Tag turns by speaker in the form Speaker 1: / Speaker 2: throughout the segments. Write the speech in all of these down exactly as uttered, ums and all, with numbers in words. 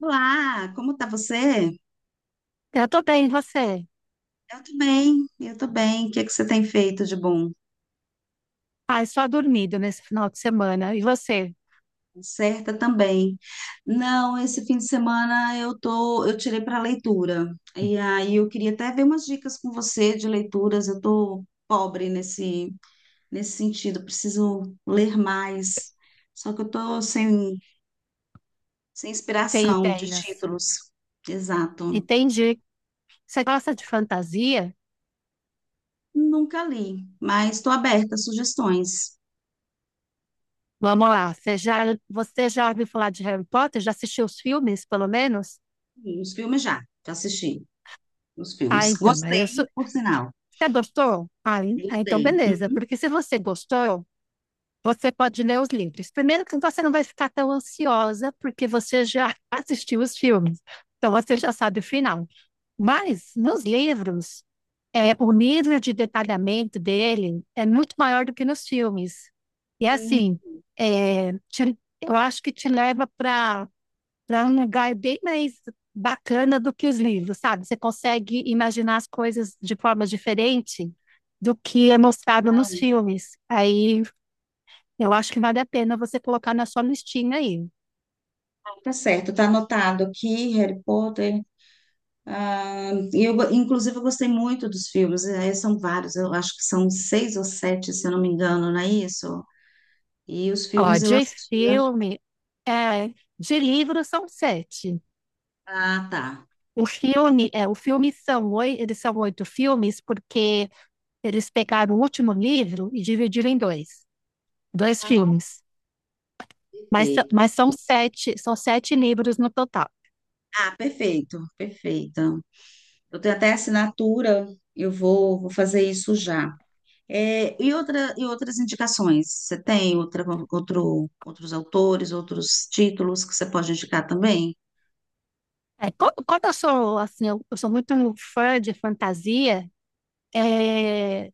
Speaker 1: Olá, como tá você?
Speaker 2: Eu tô bem, e você?
Speaker 1: Eu tô bem, eu tô bem. O que é que você tem feito de bom?
Speaker 2: Ah, só dormido nesse final de semana. E você?
Speaker 1: Certa também. Não, esse fim de semana eu tô, eu tirei para leitura. E aí eu queria até ver umas dicas com você de leituras. Eu tô pobre nesse nesse sentido, preciso ler mais. Só que eu tô sem sem
Speaker 2: Tem
Speaker 1: inspiração de
Speaker 2: ideias?
Speaker 1: títulos. Exato.
Speaker 2: Entendi. Você gosta de fantasia?
Speaker 1: Nunca li, mas estou aberta a sugestões.
Speaker 2: Vamos lá. Você já, você já ouviu falar de Harry Potter? Já assistiu os filmes, pelo menos?
Speaker 1: Os filmes já, já assisti. Os
Speaker 2: Ah,
Speaker 1: filmes.
Speaker 2: então, mas eu
Speaker 1: Gostei,
Speaker 2: sou.
Speaker 1: por sinal.
Speaker 2: Você gostou? Ah, en- ah, então
Speaker 1: Gostei. Não,
Speaker 2: beleza. Porque se você gostou, você pode ler os livros. Primeiro que você não vai ficar tão ansiosa, porque você já assistiu os filmes. Então você já sabe o final. Mas nos livros, é, o nível de detalhamento dele é muito maior do que nos filmes. E assim, é, te- eu acho que te leva para para um lugar bem mais bacana do que os livros, sabe? Você consegue imaginar as coisas de forma diferente do que é mostrado nos filmes. Aí, eu acho que vale a pena você colocar na sua listinha aí.
Speaker 1: não, tá certo, tá anotado aqui, Harry Potter. Ah, e eu, go- inclusive, eu gostei muito dos filmes. Eh, são vários, eu acho que são seis ou sete, se eu não me engano, não é isso? E os
Speaker 2: Ó,
Speaker 1: filmes eu
Speaker 2: de
Speaker 1: assisti. eu acho-
Speaker 2: filme, é, de livro são sete.
Speaker 1: Ah, tá.
Speaker 2: O filme, é, o filme são oito, eles são oito filmes porque eles pegaram o último livro e dividiram em dois, dois filmes. Mas, são-
Speaker 1: Perfeito.
Speaker 2: mas são sete, são sete livros no total.
Speaker 1: Ah, perfeito, perfeito. Eu tenho até assinatura, eu vou, vou fazer isso já. É, e, outra, e outras indicações? Você tem outra, outro, outros autores, outros títulos que você pode indicar também?
Speaker 2: É, co- quando eu sou assim, eu, eu sou muito fã de fantasia, é,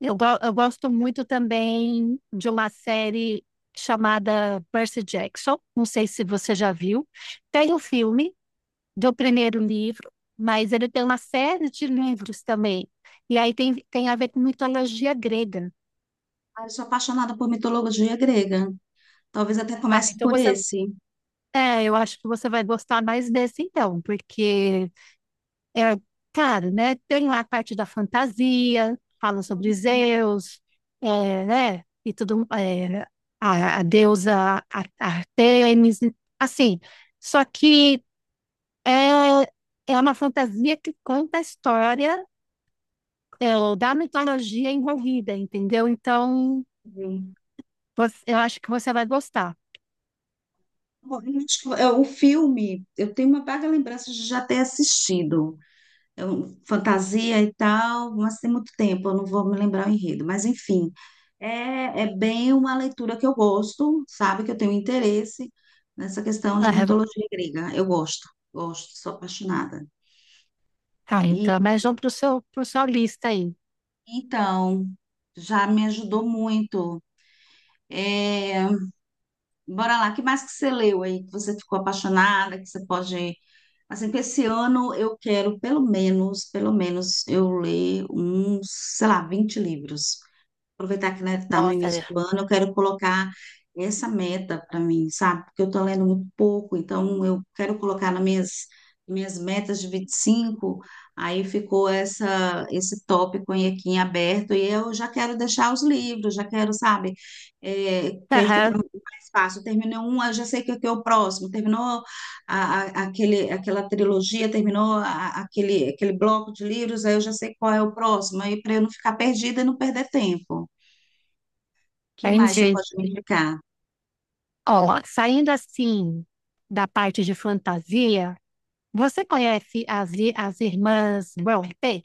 Speaker 2: eu, go- eu gosto muito também de uma série chamada Percy Jackson. Não sei se você já viu. Tem o filme do primeiro livro, mas ele tem uma série de livros também. E aí tem, tem a ver com mitologia grega.
Speaker 1: Ah, eu sou apaixonada por mitologia grega. Talvez até
Speaker 2: Ah,
Speaker 1: comece
Speaker 2: então
Speaker 1: por
Speaker 2: você.
Speaker 1: esse.
Speaker 2: É, eu acho que você vai gostar mais desse então, porque é claro, né? Tem lá a parte da fantasia, fala sobre
Speaker 1: Entendi.
Speaker 2: Zeus, é, né? E tudo, é, a, a deusa a- Artemis, assim. Só que é, é uma fantasia que conta a história, é, ou da mitologia envolvida, entendeu? Então, você- eu acho que você vai gostar.
Speaker 1: Bom, eu acho que, é, o filme, eu tenho uma vaga lembrança de já ter assistido. Eu- fantasia e tal, mas tem muito tempo, eu não vou me lembrar o enredo. Mas, enfim, é, é bem uma leitura que eu gosto, sabe? Que eu tenho interesse nessa questão de
Speaker 2: Aham.
Speaker 1: mitologia grega. Eu gosto, gosto, sou apaixonada.
Speaker 2: Tá,
Speaker 1: E,
Speaker 2: então, mas vamos para o seu, pro sua lista aí.
Speaker 1: então, já me ajudou muito. É, bora lá, que mais que você leu aí, que você ficou apaixonada, que você pode... Assim, que esse ano eu quero, pelo menos, pelo menos, eu ler uns, sei lá, vinte livros. Aproveitar que, né, tá no
Speaker 2: Nossa,
Speaker 1: início
Speaker 2: né?
Speaker 1: do ano, eu quero colocar essa meta para mim, sabe? Porque eu tô lendo muito pouco, então eu quero colocar nas minhas, minhas metas de vinte e cinco. Aí ficou essa, esse tópico aí aqui em aberto, e eu já quero deixar os livros, já quero, sabe? É, que aí fica
Speaker 2: Aham,
Speaker 1: mais fácil. Terminou um, eu já sei que aqui é o próximo. Terminou a, a- aquele, aquela trilogia, terminou a- aquele, aquele bloco de livros, aí eu já sei qual é o próximo, aí para eu não ficar perdida e não perder tempo. Que mais você
Speaker 2: entendi.
Speaker 1: pode me indicar?
Speaker 2: Ó, saindo assim da parte de fantasia, você conhece as, i- as irmãs Brontë?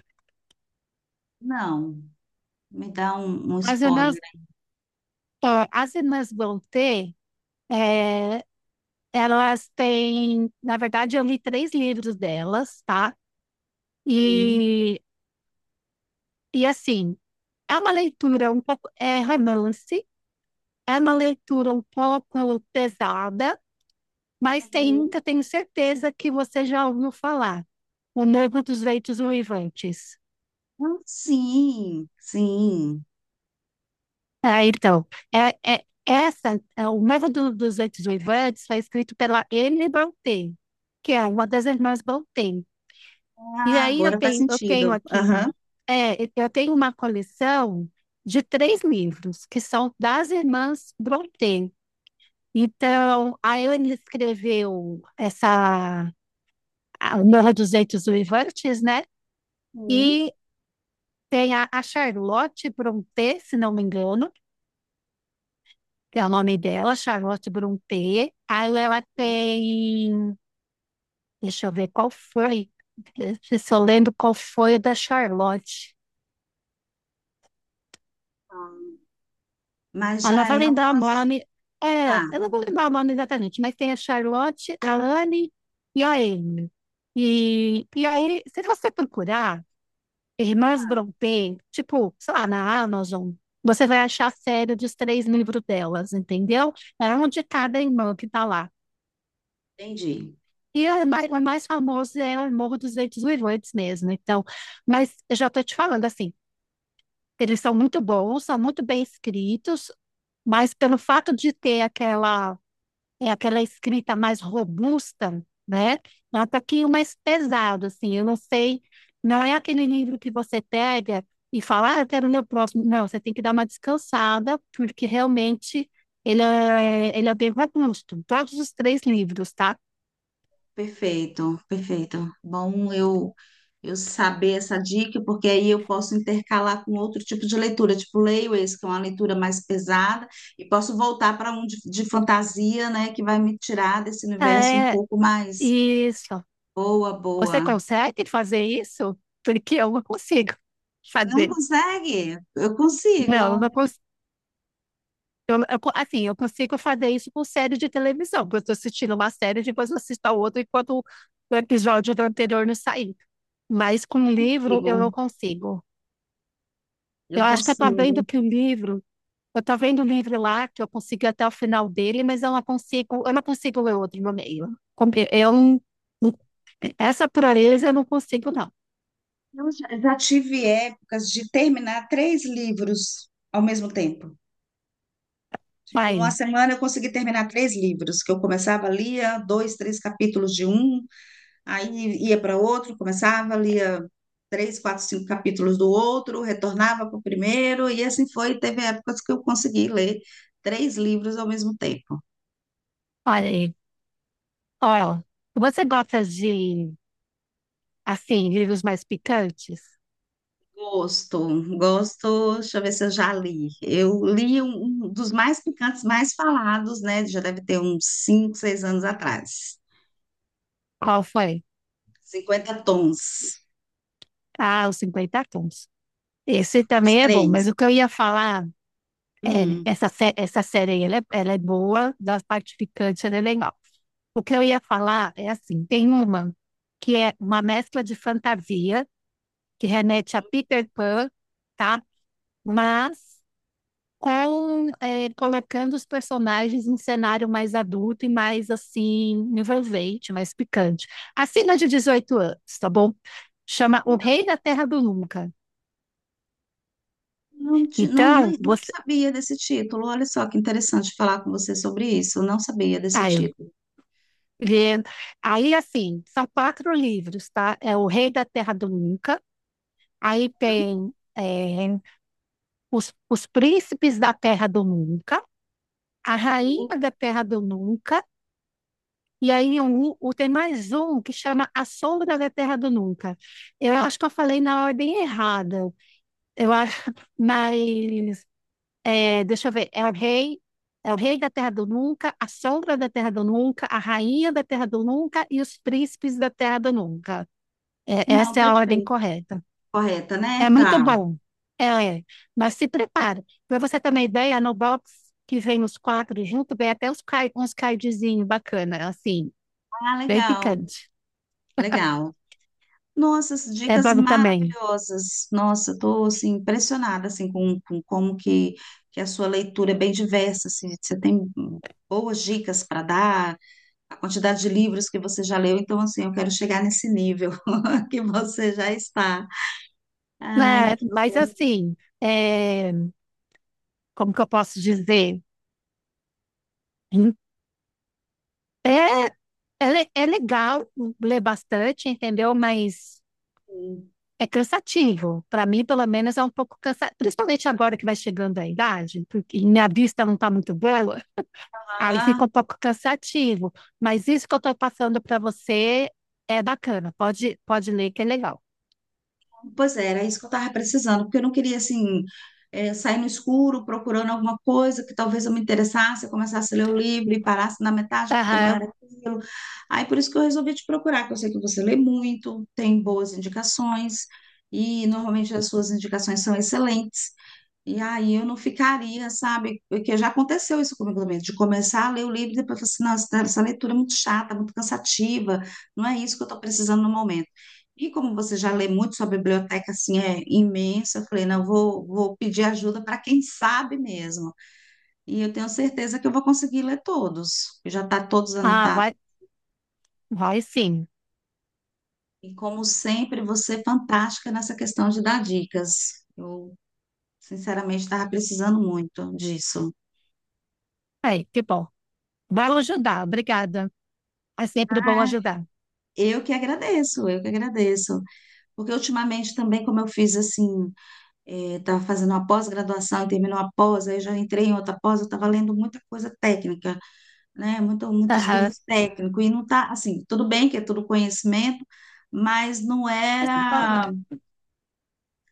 Speaker 1: Não, me dá um, um
Speaker 2: As
Speaker 1: spoiler
Speaker 2: irmãs,
Speaker 1: aí.
Speaker 2: ó, as irmãs Brontë, é, elas têm, na verdade, eu li três livros delas, tá? E, e assim, é uma leitura um pouco, é romance, é uma leitura um pouco pesada, mas
Speaker 1: Uhum.
Speaker 2: ainda tenho certeza que você já ouviu falar. O Novo dos Ventos Uivantes.
Speaker 1: Ah, sim, sim.
Speaker 2: Ah, então, é, é, essa, é, o Novo do- dos Ventos Uivantes foi escrito pela Emily Brontë, que é uma das irmãs Brontë. E
Speaker 1: Ah,
Speaker 2: aí eu
Speaker 1: agora faz
Speaker 2: tenho, eu tenho
Speaker 1: sentido.
Speaker 2: aqui, um-
Speaker 1: Aham.
Speaker 2: é, eu tenho uma coleção de três livros, que são das irmãs Brontë. Então, a Ellen escreveu essa a Morra dos Eitos Uivantes, né?
Speaker 1: Sim.
Speaker 2: E tem a, a Charlotte Brontë, se não me engano, que é o nome dela, Charlotte Brontë. Aí ela tem, deixa eu ver qual foi, se eu lembro qual foi da Charlotte.
Speaker 1: Mas
Speaker 2: Ah, não
Speaker 1: já
Speaker 2: vou
Speaker 1: é
Speaker 2: lembrar o
Speaker 1: umas.
Speaker 2: nome, é,
Speaker 1: Tá,
Speaker 2: eu não vou lembrar o nome exatamente, mas tem a Charlotte, a Anne e a Amy. E, e aí, se você procurar, Irmãs Brontë, tipo, sei lá, na Amazon, você vai achar a série dos três livros delas, entendeu? É um de cada irmã que tá lá.
Speaker 1: entendi.
Speaker 2: E a mais, a mais famosa é o Morro dos Ventos Uivantes mesmo, então. Mas eu já tô te falando assim, eles são muito bons, são muito bem escritos, mas pelo fato de ter aquela é aquela escrita mais robusta, né? Nota que o mais pesado, assim, eu não sei, não é aquele livro que você pega e fala, ah, eu quero ler o próximo. Não, você tem que dar uma descansada, porque realmente ele é, ele é bem robusto, todos os três livros, tá?
Speaker 1: Perfeito, perfeito. Bom, eu eu saber essa dica, porque aí eu posso intercalar com outro tipo de leitura, tipo leio esse, que é uma leitura mais pesada, e posso voltar para um de, de fantasia, né, que vai me tirar desse universo um
Speaker 2: É,
Speaker 1: pouco mais.
Speaker 2: isso.
Speaker 1: Boa,
Speaker 2: Você
Speaker 1: boa.
Speaker 2: consegue fazer isso? Porque eu não consigo
Speaker 1: Não
Speaker 2: fazer.
Speaker 1: consegue? Eu consigo,
Speaker 2: Não, eu não consigo. Eu, eu assim, eu consigo fazer isso com série de televisão, porque eu estou assistindo uma série, depois eu assisto a outra enquanto o episódio do anterior não sair. Mas com livro
Speaker 1: consigo.
Speaker 2: eu não consigo.
Speaker 1: Eu
Speaker 2: Eu acho que eu estou vendo
Speaker 1: consigo.
Speaker 2: que o livro, eu estou vendo o livro lá, que eu consigo ir até o final dele, mas eu não consigo, eu não consigo ler outro no meio. Com- Eu, não- não- Essa pureza eu não consigo, não.
Speaker 1: Eu já já tive épocas de terminar três livros ao mesmo tempo. Tipo, uma
Speaker 2: Vai,
Speaker 1: semana eu consegui terminar três livros, que eu começava, lia dois, três capítulos de um, aí ia para outro, começava, lia três, quatro, cinco capítulos do outro, retornava para o primeiro, e assim foi. Teve épocas que eu consegui ler três livros ao mesmo tempo.
Speaker 2: olha aí. Olha, você gosta de, assim, livros mais picantes?
Speaker 1: Gosto, gosto, deixa eu ver se eu já li. Eu li um, um dos mais picantes, mais falados, né? Já deve ter uns cinco, seis anos atrás.
Speaker 2: Qual foi?
Speaker 1: Cinquenta tons,
Speaker 2: Ah, os cinquenta tons. Esse
Speaker 1: os
Speaker 2: também é bom, mas o
Speaker 1: três.
Speaker 2: que eu ia falar é,
Speaker 1: Hum.
Speaker 2: essa, sé- essa série aí, ela é, ela é boa, da parte picante ela é legal. O que eu ia falar é assim, tem uma que é uma mescla de fantasia, que remete a Peter Pan, tá? Mas com, é, colocando os personagens em cenário mais adulto e mais, assim, envolvente, mais picante. Acima de dezoito anos, tá bom? Chama O Rei da Terra do Nunca.
Speaker 1: Não, ti- não,
Speaker 2: Então,
Speaker 1: nem- não
Speaker 2: você.
Speaker 1: sabia desse título. Olha só que interessante falar com você sobre isso. Não sabia desse
Speaker 2: Ah,
Speaker 1: título.
Speaker 2: e aí, assim, são quatro livros, tá? É O Rei da Terra do Nunca, aí tem é, os, os Príncipes da Terra do Nunca, A Rainha da Terra do Nunca, e aí um, um- tem mais um que chama A Sombra da Terra do Nunca. Eu acho que eu falei na ordem errada. Eu acho, mas é, deixa eu ver, é o Rei. É o Rei da Terra do Nunca, a Sombra da Terra do Nunca, a Rainha da Terra do Nunca e os Príncipes da Terra do Nunca. É,
Speaker 1: Não,
Speaker 2: essa é a ordem
Speaker 1: perfeito.
Speaker 2: correta.
Speaker 1: Correta, né?
Speaker 2: É muito
Speaker 1: Tá.
Speaker 2: bom. É, é. Mas se prepara. Para você ter uma ideia, no box que vem os quatro junto, vem até uns, card, uns cardzinhos bacana, assim,
Speaker 1: Ah,
Speaker 2: bem
Speaker 1: legal,
Speaker 2: picante.
Speaker 1: legal. Nossa, as
Speaker 2: É
Speaker 1: dicas
Speaker 2: bom também.
Speaker 1: maravilhosas. Nossa, estou assim, impressionada assim, com, com como que, que a sua leitura é bem diversa. Assim, você tem hum, boas dicas para dar, a quantidade de livros que você já leu. Então, assim, eu quero chegar nesse nível que você já está. Ai,
Speaker 2: É,
Speaker 1: que
Speaker 2: mas
Speaker 1: bom.
Speaker 2: assim, é, como que eu posso dizer? É, é, le- é legal ler bastante, entendeu? Mas é cansativo. Para mim, pelo menos, é um pouco cansativo. Principalmente agora que vai chegando a idade, porque minha vista não está muito boa. Aí
Speaker 1: Ah,
Speaker 2: fica um pouco cansativo, mas isso que eu estou passando para você é bacana. Pode, pode ler que é legal.
Speaker 1: pois é, era isso que eu estava precisando, porque eu não queria, assim, eh, sair no escuro procurando alguma coisa que talvez eu me interessasse, eu começasse a ler o livro e parasse na metade, porque não era
Speaker 2: Aham.
Speaker 1: aquilo. Aí, por isso que eu resolvi te procurar, que eu sei que você lê muito, tem boas indicações, e normalmente as suas indicações são excelentes. E aí eu não ficaria, sabe? Porque já aconteceu isso comigo também, de começar a ler o livro e depois falar assim, nossa, essa essa leitura é muito chata, muito cansativa, não é isso que eu estou precisando no momento. E como você já lê muito, sua biblioteca assim é imensa, eu falei, não, eu vou, vou pedir ajuda para quem sabe mesmo. E eu tenho certeza que eu vou conseguir ler todos, já está todos
Speaker 2: Ah,
Speaker 1: anotados.
Speaker 2: vai, vai sim.
Speaker 1: E como sempre, você é fantástica nessa questão de dar dicas. Eu, sinceramente, estava precisando muito disso.
Speaker 2: Aí, que bom. Vai ajudar, obrigada. É sempre bom ajudar.
Speaker 1: Eu que agradeço, eu que agradeço. Porque ultimamente também, como eu fiz assim, estava fazendo uma pós-graduação e terminou a pós, aí já entrei em outra pós, eu estava lendo muita coisa técnica, né? Muito, muitos
Speaker 2: Aham.
Speaker 1: livros técnicos, e não tá assim, tudo bem que é tudo conhecimento, mas não era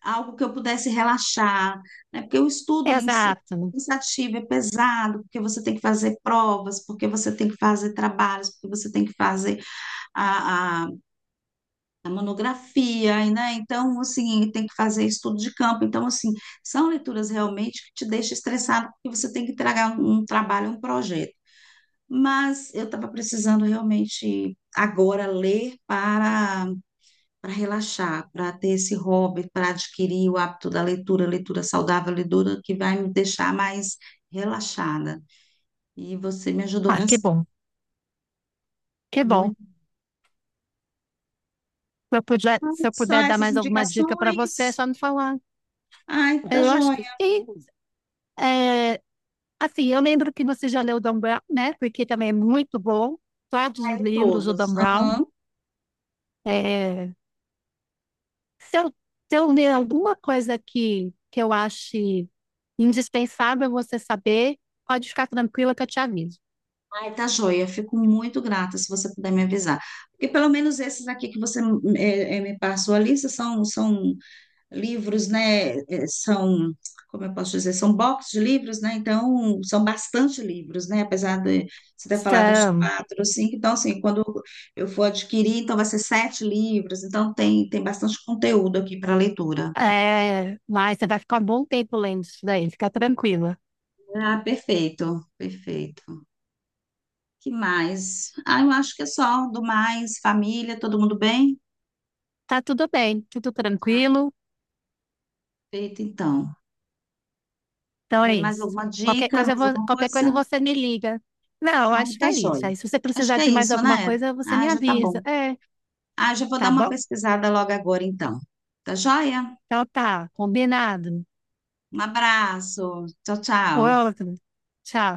Speaker 1: algo que eu pudesse relaxar, né? Porque o estudo em si é
Speaker 2: Exato.
Speaker 1: cansativo, é pesado, porque você tem que fazer provas, porque você tem que fazer trabalhos, porque você tem que fazer a monografia, e, né? Então, assim, tem que fazer estudo de campo. Então, assim, são leituras realmente que te deixam estressado, porque você tem que entregar um, um trabalho, um projeto. Mas eu estava precisando realmente agora ler para, para relaxar, para ter esse hobby, para adquirir o hábito da leitura, leitura saudável, leitura que vai me deixar mais relaxada. E você me ajudou
Speaker 2: Ah, que
Speaker 1: bastante.
Speaker 2: bom, que bom.
Speaker 1: Muito.
Speaker 2: Se eu puder, se eu
Speaker 1: São
Speaker 2: puder dar
Speaker 1: essas
Speaker 2: mais alguma dica para você, é
Speaker 1: indicações.
Speaker 2: só me falar.
Speaker 1: Ai, tá
Speaker 2: Eu acho que
Speaker 1: joia.
Speaker 2: sim. É, assim, eu lembro que você já leu o Dan Brown, né? Porque também é muito bom. Todos os
Speaker 1: Leio
Speaker 2: livros do
Speaker 1: todos.
Speaker 2: Dan Brown.
Speaker 1: Aham.
Speaker 2: É, Se eu, se eu ler alguma coisa que, que eu ache indispensável você saber, pode ficar tranquila que eu te aviso.
Speaker 1: Ai, tá joia. Fico muito grata se você puder me avisar. Porque pelo menos esses aqui que você eh, eh, me passou a lista são, são livros, né? Eh, são, como eu posso dizer, são boxes de livros, né? Então, são bastante livros, né? Apesar de você ter falado uns
Speaker 2: Então,
Speaker 1: quatro, cinco. Então, assim, quando eu for adquirir, então vai ser sete livros. Então, tem, tem bastante conteúdo aqui para leitura.
Speaker 2: é, mas você vai ficar um bom tempo lendo isso daí, fica tranquila.
Speaker 1: Ah, perfeito, perfeito. Que mais? Ah, eu acho que é só do mais, família, todo mundo bem?
Speaker 2: Tá tudo bem, tudo tranquilo.
Speaker 1: Perfeito, então.
Speaker 2: Então
Speaker 1: Vê
Speaker 2: é
Speaker 1: mais
Speaker 2: isso.
Speaker 1: alguma
Speaker 2: Qualquer
Speaker 1: dica,
Speaker 2: coisa, eu
Speaker 1: mais
Speaker 2: vou-
Speaker 1: alguma
Speaker 2: qualquer coisa
Speaker 1: coisa?
Speaker 2: você me liga. Não,
Speaker 1: Ai,
Speaker 2: acho que
Speaker 1: tá
Speaker 2: é isso.
Speaker 1: joia.
Speaker 2: Aí, se você
Speaker 1: Acho
Speaker 2: precisar
Speaker 1: que é
Speaker 2: de mais
Speaker 1: isso,
Speaker 2: alguma
Speaker 1: né?
Speaker 2: coisa, você me
Speaker 1: Ah, já tá
Speaker 2: avisa.
Speaker 1: bom.
Speaker 2: É,
Speaker 1: Ah, já vou dar
Speaker 2: tá
Speaker 1: uma
Speaker 2: bom?
Speaker 1: pesquisada logo agora, então. Tá joia?
Speaker 2: Então tá, combinado.
Speaker 1: Um abraço. Tchau, tchau.
Speaker 2: Outro. Tchau.